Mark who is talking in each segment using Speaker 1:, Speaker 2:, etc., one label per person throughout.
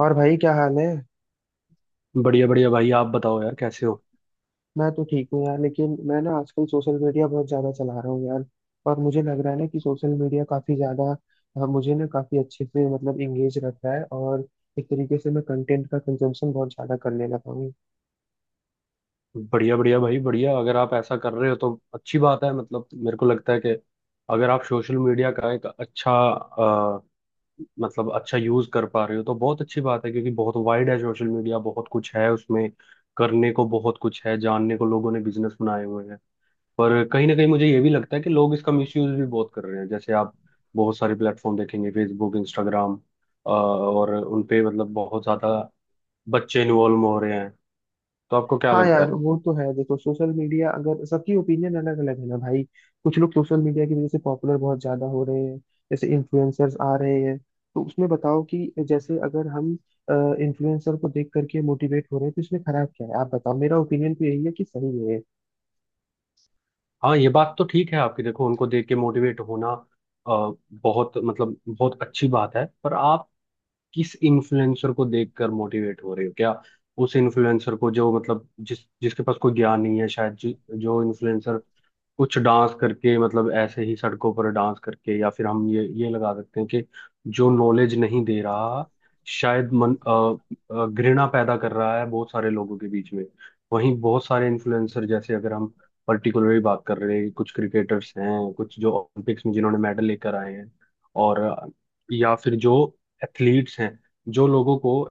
Speaker 1: और भाई क्या हाल है।
Speaker 2: बढ़िया बढ़िया भाई, आप बताओ यार, कैसे हो?
Speaker 1: मैं तो ठीक हूँ यार, लेकिन मैं ना आजकल सोशल मीडिया बहुत ज्यादा चला रहा हूँ यार। और मुझे लग रहा है ना कि सोशल मीडिया काफी ज्यादा, मुझे ना काफी अच्छे से मतलब इंगेज रख रहा है। और एक तरीके से मैं कंटेंट का कंजम्पशन बहुत ज्यादा करने लगा हूँ।
Speaker 2: बढ़िया बढ़िया भाई, बढ़िया। अगर आप ऐसा कर रहे हो तो अच्छी बात है। मतलब मेरे को लगता है कि अगर आप सोशल मीडिया का एक अच्छा मतलब अच्छा यूज कर पा रहे हो तो बहुत अच्छी बात है। क्योंकि बहुत वाइड है सोशल मीडिया, बहुत कुछ है उसमें, करने को बहुत कुछ है, जानने को। लोगों ने बिजनेस बनाए हुए हैं। पर कहीं ना कहीं मुझे ये भी लगता है कि लोग इसका मिसयूज भी बहुत कर रहे हैं। जैसे आप बहुत सारे प्लेटफॉर्म देखेंगे, फेसबुक, इंस्टाग्राम, और उनपे मतलब बहुत ज्यादा बच्चे इन्वॉल्व हो रहे हैं। तो आपको क्या
Speaker 1: हाँ
Speaker 2: लगता है?
Speaker 1: यार, वो तो है। देखो, सोशल मीडिया अगर सबकी ओपिनियन अलग अलग है ना भाई। कुछ लोग सोशल मीडिया की वजह से पॉपुलर बहुत ज्यादा हो रहे हैं, जैसे इन्फ्लुएंसर्स आ रहे हैं। तो उसमें बताओ कि जैसे अगर हम इन्फ्लुएंसर को देख करके मोटिवेट हो रहे हैं तो इसमें खराब क्या है? आप बताओ, मेरा ओपिनियन तो यही है कि सही है।
Speaker 2: हाँ, ये बात तो ठीक है आपकी। देखो, उनको देख के मोटिवेट होना बहुत मतलब बहुत अच्छी बात है। पर आप किस इन्फ्लुएंसर को देखकर मोटिवेट हो रहे हो? क्या उस इन्फ्लुएंसर को जो, मतलब जिसके पास कोई ज्ञान नहीं है, शायद जो इन्फ्लुएंसर कुछ डांस करके, मतलब ऐसे ही सड़कों पर डांस करके, या फिर हम ये लगा सकते हैं कि जो नॉलेज नहीं दे रहा, शायद मन घृणा पैदा कर रहा है बहुत सारे लोगों के बीच में। वहीं बहुत सारे इन्फ्लुएंसर, जैसे अगर हम पर्टिकुलरली बात कर रहे हैं, कुछ क्रिकेटर्स हैं, कुछ जो ओलंपिक्स में जिन्होंने मेडल लेकर आए हैं, और या फिर जो एथलीट्स हैं, जो लोगों को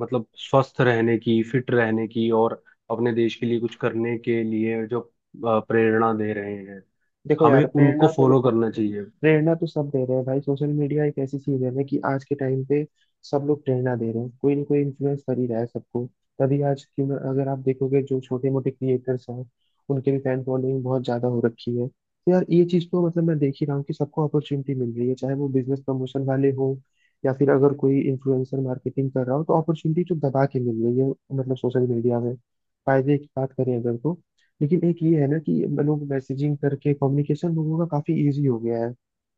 Speaker 2: मतलब स्वस्थ रहने की, फिट रहने की, और अपने देश के लिए कुछ करने के लिए जो प्रेरणा दे रहे हैं,
Speaker 1: देखो
Speaker 2: हमें
Speaker 1: यार
Speaker 2: उनको
Speaker 1: प्रेरणा तो
Speaker 2: फॉलो
Speaker 1: देखो,
Speaker 2: करना चाहिए।
Speaker 1: प्रेरणा तो सब दे रहे हैं भाई। सोशल मीडिया एक ऐसी चीज है ना कि आज के टाइम पे सब लोग प्रेरणा दे रहे हैं, कोई ना कोई इन्फ्लुएंस कर ही रहा है सबको। तभी आज अगर आप देखोगे जो छोटे मोटे क्रिएटर्स हैं उनके भी फैन फॉलोइंग बहुत ज्यादा हो रखी है। तो यार ये चीज तो मतलब मैं देख ही रहा हूँ कि सबको अपॉर्चुनिटी मिल रही है, चाहे वो बिजनेस प्रमोशन वाले हो या फिर अगर कोई इन्फ्लुएंसर मार्केटिंग कर रहा हो, तो अपॉर्चुनिटी तो दबा के मिल रही है मतलब सोशल मीडिया में। फायदे की बात करें अगर, तो लेकिन एक ये है ना कि लोग मैसेजिंग करके कम्युनिकेशन लोगों का काफी इजी हो गया है।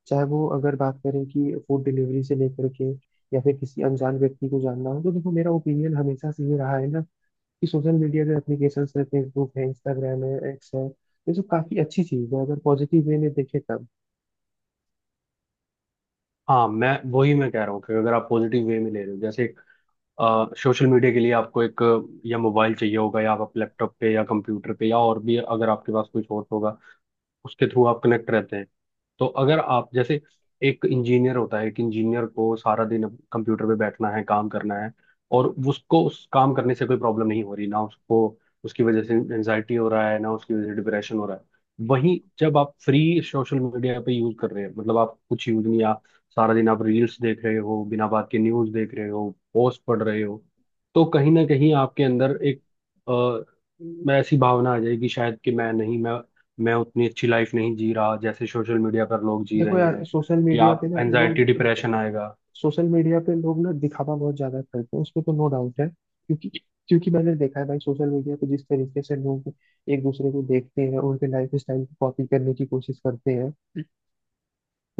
Speaker 1: चाहे वो अगर बात करें कि फूड डिलीवरी से लेकर के या फिर किसी अनजान व्यक्ति को जानना हो, तो देखो मेरा ओपिनियन हमेशा से ये रहा है ना कि सोशल मीडिया जो एप्लीकेशंस है, फेसबुक है, इंस्टाग्राम है, एक्स है, ये सब काफी अच्छी चीज है अगर पॉजिटिव वे में देखें तब।
Speaker 2: हाँ, मैं कह रहा हूँ कि अगर आप पॉजिटिव वे में ले रहे हो। जैसे सोशल मीडिया के लिए आपको एक या मोबाइल चाहिए होगा, या आप अपने लैपटॉप पे या कंप्यूटर पे, या और भी अगर आपके पास कोई सोर्स होगा, उसके थ्रू आप कनेक्ट रहते हैं। तो अगर आप जैसे, एक इंजीनियर होता है, एक इंजीनियर को सारा दिन कंप्यूटर पे बैठना है, काम करना है, और उसको उस काम करने से कोई प्रॉब्लम नहीं हो रही, ना उसको उसकी वजह से एंजाइटी हो रहा है, ना उसकी वजह से डिप्रेशन हो रहा है। वहीं जब आप फ्री सोशल मीडिया पे यूज कर रहे हैं, मतलब आप कुछ यूज नहीं, सारा दिन आप रील्स देख रहे हो, बिना बात के न्यूज़ देख रहे हो, पोस्ट पढ़ रहे हो, तो कहीं ना कहीं आपके अंदर एक अ, मैं ऐसी भावना आ जाएगी, शायद कि मैं नहीं, मैं उतनी अच्छी लाइफ नहीं जी रहा जैसे सोशल मीडिया पर लोग जी
Speaker 1: देखो
Speaker 2: रहे
Speaker 1: यार
Speaker 2: हैं।
Speaker 1: सोशल
Speaker 2: या
Speaker 1: मीडिया पे
Speaker 2: आप
Speaker 1: ना
Speaker 2: एनजाइटी,
Speaker 1: लोग,
Speaker 2: डिप्रेशन आएगा।
Speaker 1: सोशल मीडिया पे लोग ना दिखावा बहुत ज्यादा करते हैं उसमें तो नो डाउट है। क्योंकि क्योंकि मैंने देखा है भाई सोशल मीडिया पे जिस तरीके से लोग एक दूसरे को देखते हैं, उनके लाइफ स्टाइल को कॉपी करने की कोशिश करते हैं।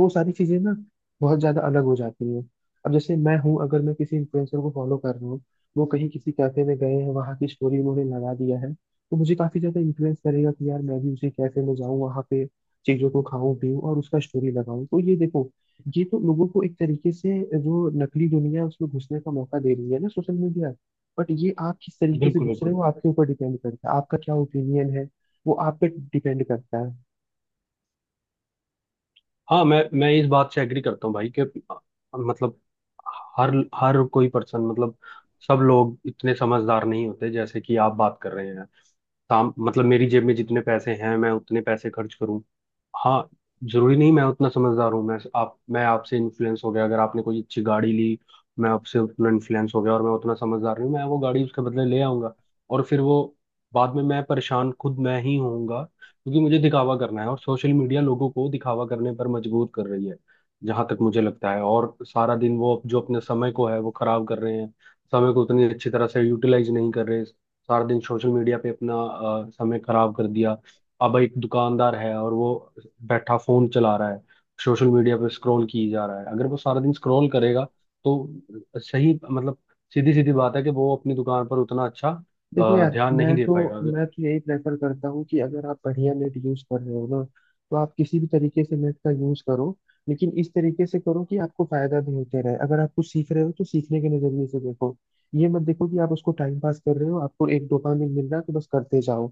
Speaker 1: वो सारी चीजें ना बहुत ज्यादा अलग हो जाती हैं। अब जैसे मैं हूँ, अगर मैं किसी इन्फ्लुएंसर को फॉलो कर रहा हूँ, वो कहीं किसी कैफे में गए हैं, वहाँ की स्टोरी उन्होंने लगा दिया है, तो मुझे काफी ज्यादा इन्फ्लुएंस करेगा कि यार मैं भी उसी कैफे में जाऊँ, वहाँ पे चीजों को खाऊं पीऊं और उसका स्टोरी लगाऊं। तो ये देखो, ये तो लोगों को एक तरीके से जो नकली दुनिया है उसमें घुसने का मौका दे रही है ना सोशल मीडिया। बट ये आप किस तरीके से
Speaker 2: बिल्कुल
Speaker 1: घुस रहे
Speaker 2: बिल्कुल।
Speaker 1: हो आपके ऊपर डिपेंड करता है, आपका क्या ओपिनियन है, वो आप पे डिपेंड करता है।
Speaker 2: हाँ, मैं इस बात से एग्री करता हूँ भाई कि मतलब हर हर कोई पर्सन, मतलब सब लोग इतने समझदार नहीं होते जैसे कि आप बात कर रहे हैं। काम, मतलब मेरी जेब में जितने पैसे हैं, मैं उतने पैसे खर्च करूं। हाँ। जरूरी नहीं मैं उतना समझदार हूँ। मैं आपसे इन्फ्लुएंस हो गया, अगर आपने कोई अच्छी गाड़ी ली, मैं आपसे उतना इन्फ्लुएंस हो गया और मैं उतना समझदार नहीं हूं, मैं वो गाड़ी उसके बदले ले आऊंगा। और फिर वो, बाद में मैं परेशान खुद मैं ही होऊंगा, क्योंकि मुझे दिखावा करना है, और सोशल मीडिया लोगों को दिखावा करने पर मजबूर कर रही है, जहां तक मुझे लगता है। और सारा दिन वो जो अपने समय को है वो खराब कर रहे हैं। समय को उतनी अच्छी तरह से यूटिलाइज नहीं कर रहे। सारा दिन सोशल मीडिया पे अपना समय खराब कर दिया। अब एक दुकानदार है और वो बैठा फोन चला रहा है, सोशल मीडिया पे स्क्रॉल की जा रहा है। अगर वो सारा दिन स्क्रॉल करेगा, तो सही मतलब, सीधी सीधी बात है कि वो अपनी दुकान पर उतना अच्छा
Speaker 1: देखो यार,
Speaker 2: ध्यान नहीं
Speaker 1: मैं
Speaker 2: दे
Speaker 1: तो
Speaker 2: पाएगा।
Speaker 1: मैं तो यही प्रेफर करता हूँ कि अगर आप बढ़िया नेट यूज कर रहे हो ना, तो आप किसी भी तरीके से नेट का यूज करो, लेकिन इस तरीके से करो कि आपको फायदा भी होते रहे। अगर आप कुछ सीख रहे हो तो सीखने के नजरिए से देखो, ये मत देखो कि आप उसको टाइम पास कर रहे हो, आपको एक डोपामिन मिल रहा है तो बस करते जाओ,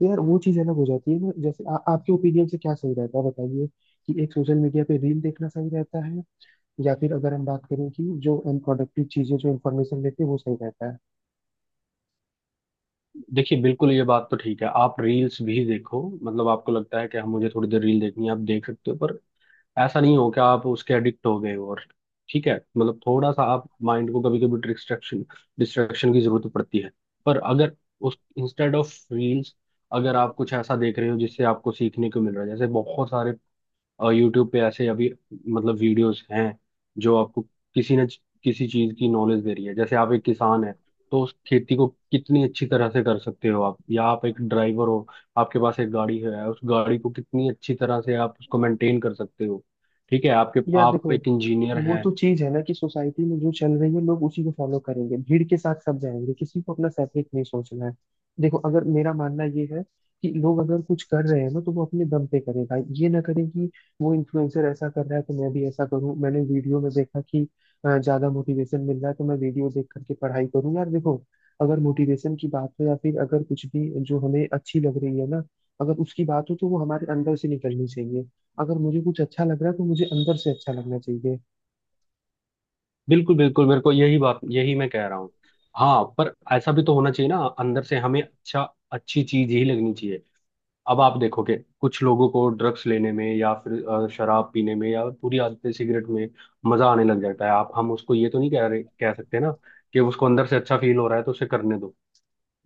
Speaker 1: तो यार वो चीज अलग हो जाती है ना। जैसे आपके ओपिनियन से क्या सही रहता है बताइए कि एक सोशल मीडिया पे रील देखना सही रहता है या फिर अगर हम बात करें कि जो अनप्रोडक्टिव चीजें जो इन्फॉर्मेशन लेते हैं वो सही रहता है।
Speaker 2: देखिए बिल्कुल, ये बात तो ठीक है, आप रील्स भी देखो। मतलब आपको लगता है कि हम, मुझे थोड़ी देर रील देखनी है, आप देख सकते हो। पर ऐसा नहीं हो कि आप उसके एडिक्ट हो गए हो। और ठीक है, मतलब थोड़ा सा आप माइंड को, कभी कभी डिस्ट्रैक्शन डिस्ट्रैक्शन की जरूरत पड़ती है। पर अगर उस इंस्टेड ऑफ रील्स, अगर आप कुछ ऐसा देख रहे हो जिससे आपको सीखने को मिल रहा है, जैसे बहुत सारे, और यूट्यूब पे ऐसे अभी, मतलब वीडियोस हैं जो आपको किसी न किसी चीज की नॉलेज दे रही है। जैसे आप एक किसान है, तो उस खेती को कितनी अच्छी तरह से कर सकते हो आप। या आप एक ड्राइवर हो, आपके पास एक गाड़ी है, उस गाड़ी को कितनी अच्छी तरह से आप उसको मेंटेन कर सकते हो। ठीक है, आपके,
Speaker 1: यार
Speaker 2: आप
Speaker 1: देखो,
Speaker 2: एक इंजीनियर
Speaker 1: वो
Speaker 2: हैं।
Speaker 1: तो चीज है ना कि सोसाइटी में जो चल रही है लोग उसी को फॉलो करेंगे, भीड़ के साथ सब जाएंगे, किसी को अपना सेपरेट नहीं सोचना है। देखो, अगर मेरा मानना ये है कि लोग अगर कुछ कर रहे हैं ना तो वो अपने दम पे करें भाई, ये ना करें कि वो इन्फ्लुएंसर ऐसा कर रहा है तो मैं भी ऐसा करूं। मैंने वीडियो में देखा कि ज्यादा मोटिवेशन मिल रहा है तो मैं वीडियो देख करके पढ़ाई करूं। यार देखो, अगर मोटिवेशन की बात हो या फिर अगर कुछ भी जो हमें अच्छी लग रही है ना, अगर उसकी बात हो तो वो हमारे अंदर से निकलनी चाहिए। अगर मुझे कुछ अच्छा लग रहा है तो मुझे अंदर से अच्छा लगना चाहिए।
Speaker 2: बिल्कुल बिल्कुल, मेरे को, यही बात यही मैं कह रहा हूँ। हाँ, पर ऐसा भी तो होना चाहिए ना, अंदर से हमें अच्छा, अच्छी चीज ही लगनी चाहिए। अब आप देखोगे कुछ लोगों को ड्रग्स लेने में, या फिर शराब पीने में, या पूरी आदतें सिगरेट में मजा आने लग जाता है। आप, हम उसको ये तो नहीं कह रहे, कह सकते ना, कि उसको अंदर से अच्छा फील हो रहा है तो उसे करने दो।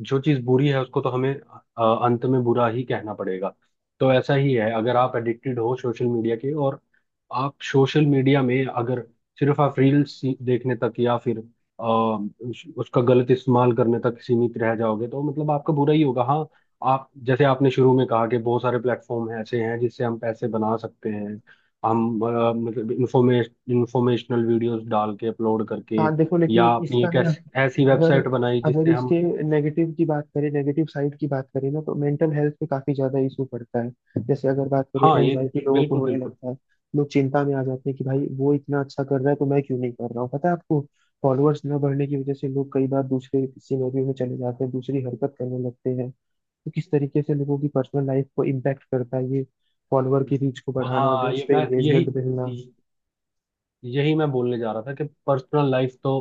Speaker 2: जो चीज बुरी है उसको तो हमें अंत में बुरा ही कहना पड़ेगा। तो ऐसा ही है, अगर आप एडिक्टेड हो सोशल मीडिया के, और आप सोशल मीडिया में अगर सिर्फ आप रील्स देखने तक, या फिर उसका गलत इस्तेमाल करने तक सीमित रह जाओगे, तो मतलब आपका बुरा ही होगा। हाँ, आप जैसे आपने शुरू में कहा कि बहुत सारे प्लेटफॉर्म ऐसे हैं जिससे हम पैसे बना सकते हैं। हम मतलब इंफॉर्मेशनल वीडियोस डाल के, अपलोड करके,
Speaker 1: हाँ देखो,
Speaker 2: या
Speaker 1: लेकिन
Speaker 2: अपनी
Speaker 1: इसका
Speaker 2: एक
Speaker 1: ना,
Speaker 2: ऐसी
Speaker 1: अगर
Speaker 2: वेबसाइट बनाई
Speaker 1: अगर
Speaker 2: जिससे हम।
Speaker 1: इसके नेगेटिव की बात करें, नेगेटिव साइड की बात करें ना, तो मेंटल हेल्थ पे काफी ज्यादा इशू पड़ता है। जैसे अगर बात करें,
Speaker 2: हाँ ये
Speaker 1: एनजाइटी लोगों को
Speaker 2: बिल्कुल
Speaker 1: होने
Speaker 2: बिल्कुल।
Speaker 1: लगता है, लोग चिंता में आ जाते हैं कि भाई वो इतना अच्छा कर रहा है तो मैं क्यों नहीं कर रहा हूँ, पता है आपको। फॉलोअर्स न बढ़ने की वजह से लोग कई बार दूसरे सिनेरियो में चले जाते हैं, दूसरी हरकत करने लगते हैं। तो किस तरीके से लोगों की पर्सनल लाइफ को इम्पैक्ट करता है ये, फॉलोअर की रीच को बढ़ाना,
Speaker 2: हाँ,
Speaker 1: व्यूज
Speaker 2: ये
Speaker 1: पे
Speaker 2: मैं यही
Speaker 1: एंगेजमेंट मिलना।
Speaker 2: यही मैं बोलने जा रहा था कि पर्सनल लाइफ तो,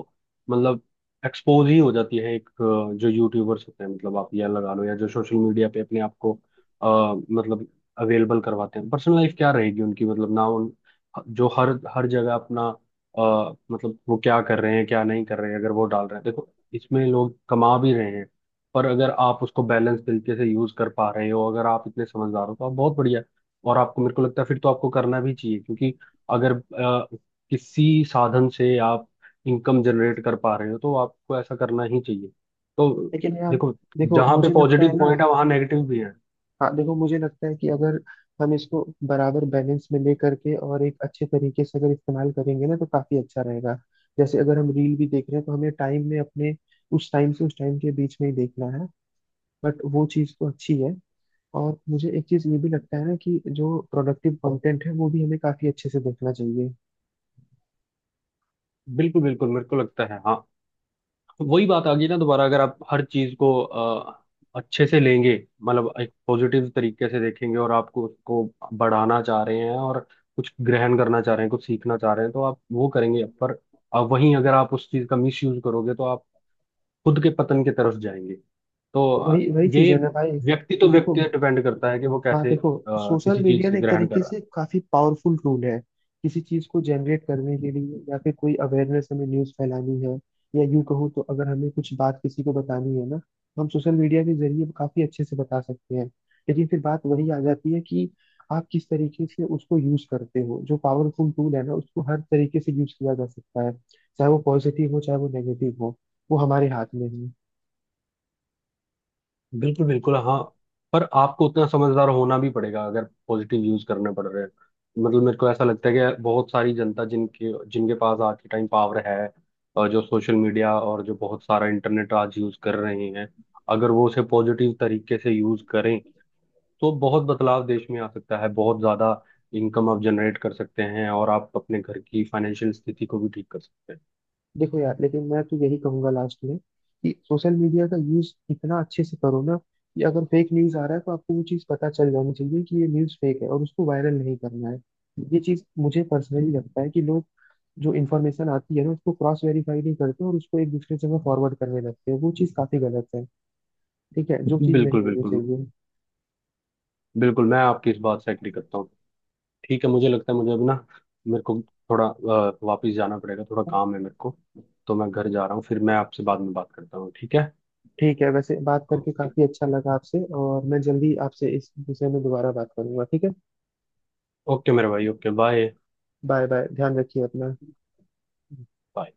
Speaker 2: मतलब एक्सपोज ही हो जाती है। एक जो यूट्यूबर्स होते हैं, मतलब आप यह लगा लो, या जो सोशल मीडिया पे अपने आप को अ, मतलब अवेलेबल करवाते हैं, पर्सनल लाइफ क्या रहेगी उनकी? मतलब ना उन, जो हर हर जगह अपना मतलब वो क्या कर रहे हैं क्या नहीं कर रहे हैं, अगर वो डाल रहे हैं। देखो इसमें लोग कमा भी रहे हैं। पर अगर आप उसको बैलेंस तरीके से यूज कर पा रहे हो, अगर आप इतने समझदार हो, तो आप बहुत बढ़िया। और आपको, मेरे को लगता है, फिर तो आपको करना भी चाहिए, क्योंकि अगर किसी साधन से आप इनकम जनरेट कर पा रहे हो, तो आपको ऐसा करना ही चाहिए। तो
Speaker 1: लेकिन यार
Speaker 2: देखो,
Speaker 1: देखो,
Speaker 2: जहाँ पे
Speaker 1: मुझे लगता है
Speaker 2: पॉजिटिव
Speaker 1: ना,
Speaker 2: पॉइंट है, वहाँ नेगेटिव भी है।
Speaker 1: हाँ देखो मुझे लगता है कि अगर हम इसको बराबर बैलेंस में ले करके और एक अच्छे तरीके से अगर इस्तेमाल करेंगे ना, तो काफी अच्छा रहेगा। जैसे अगर हम रील भी देख रहे हैं तो हमें टाइम में अपने, उस टाइम से उस टाइम के बीच में ही देखना है, बट वो चीज़ तो अच्छी है। और मुझे एक चीज़ ये भी लगता है ना कि जो प्रोडक्टिव कंटेंट है वो भी हमें काफी अच्छे से देखना चाहिए।
Speaker 2: बिल्कुल बिल्कुल, मेरे को लगता है हाँ। वही बात आ गई ना दोबारा, अगर आप हर चीज को अच्छे से लेंगे, मतलब एक पॉजिटिव तरीके से देखेंगे, और आपको उसको बढ़ाना चाह रहे हैं, और कुछ ग्रहण करना चाह रहे हैं, कुछ सीखना चाह रहे हैं, तो आप वो करेंगे। पर वहीं अगर आप उस चीज का मिस यूज करोगे, तो आप खुद के पतन की तरफ जाएंगे। तो
Speaker 1: तो वही वही चीज़ है
Speaker 2: ये
Speaker 1: ना भाई
Speaker 2: व्यक्ति तो,
Speaker 1: कि देखो,
Speaker 2: व्यक्ति डिपेंड करता है कि वो
Speaker 1: हाँ
Speaker 2: कैसे
Speaker 1: देखो, सोशल
Speaker 2: किसी चीज
Speaker 1: मीडिया ना
Speaker 2: से
Speaker 1: एक
Speaker 2: ग्रहण कर
Speaker 1: तरीके
Speaker 2: रहा
Speaker 1: से काफी पावरफुल टूल है किसी चीज को जनरेट करने के लिए। या फिर कोई अवेयरनेस हमें न्यूज फैलानी है, या यूं कहूँ तो अगर हमें कुछ बात किसी को बतानी है ना, तो हम सोशल मीडिया के जरिए काफी अच्छे से बता सकते हैं। लेकिन फिर बात वही आ जाती है कि आप किस तरीके से उसको यूज करते हो। जो पावरफुल टूल है ना उसको हर तरीके से यूज किया जा सकता है, चाहे वो पॉजिटिव हो चाहे वो नेगेटिव हो, वो हमारे हाथ में है।
Speaker 2: है। बिल्कुल बिल्कुल। हाँ, पर आपको उतना समझदार होना भी पड़ेगा अगर पॉजिटिव यूज करने पड़ रहे हैं। मतलब मेरे को ऐसा लगता है कि बहुत सारी जनता जिनके जिनके पास आज के टाइम पावर है, और जो सोशल मीडिया और जो बहुत सारा इंटरनेट आज यूज कर रहे हैं, अगर वो उसे पॉजिटिव तरीके से यूज करें, तो बहुत बदलाव देश में आ सकता है, बहुत ज्यादा। इनकम आप जनरेट कर सकते हैं, और आप अपने घर की फाइनेंशियल स्थिति को भी ठीक कर सकते
Speaker 1: देखो यार, लेकिन मैं तो यही कहूंगा लास्ट में कि सोशल मीडिया का यूज इतना अच्छे से करो ना कि अगर फेक न्यूज आ रहा है तो आपको वो चीज पता चल जानी चाहिए कि ये न्यूज फेक है और उसको वायरल नहीं करना है। ये चीज मुझे पर्सनली लगता है कि लोग जो इन्फॉर्मेशन आती है ना उसको क्रॉस वेरीफाई नहीं करते और उसको एक दूसरे जगह फॉरवर्ड करने लगते हैं, वो चीज काफी गलत है। ठीक है, जो
Speaker 2: हैं।
Speaker 1: चीज नहीं
Speaker 2: बिल्कुल
Speaker 1: होनी
Speaker 2: बिल्कुल
Speaker 1: चाहिए।
Speaker 2: बिल्कुल, मैं आपकी इस बात से एग्री करता हूँ। ठीक है, मुझे लगता है, मुझे अभी ना मेरे को थोड़ा वापिस जाना पड़ेगा, थोड़ा काम है मेरे को। तो मैं घर जा रहा हूँ, फिर मैं आपसे बाद में बात करता हूँ, ठीक है?
Speaker 1: ठीक है, वैसे बात करके
Speaker 2: ओके।
Speaker 1: काफी अच्छा लगा आपसे, और मैं जल्दी आपसे इस विषय में दोबारा बात करूंगा, ठीक है।
Speaker 2: ओके मेरे भाई, ओके बाय।
Speaker 1: बाय बाय, ध्यान रखिए अपना।
Speaker 2: बाय।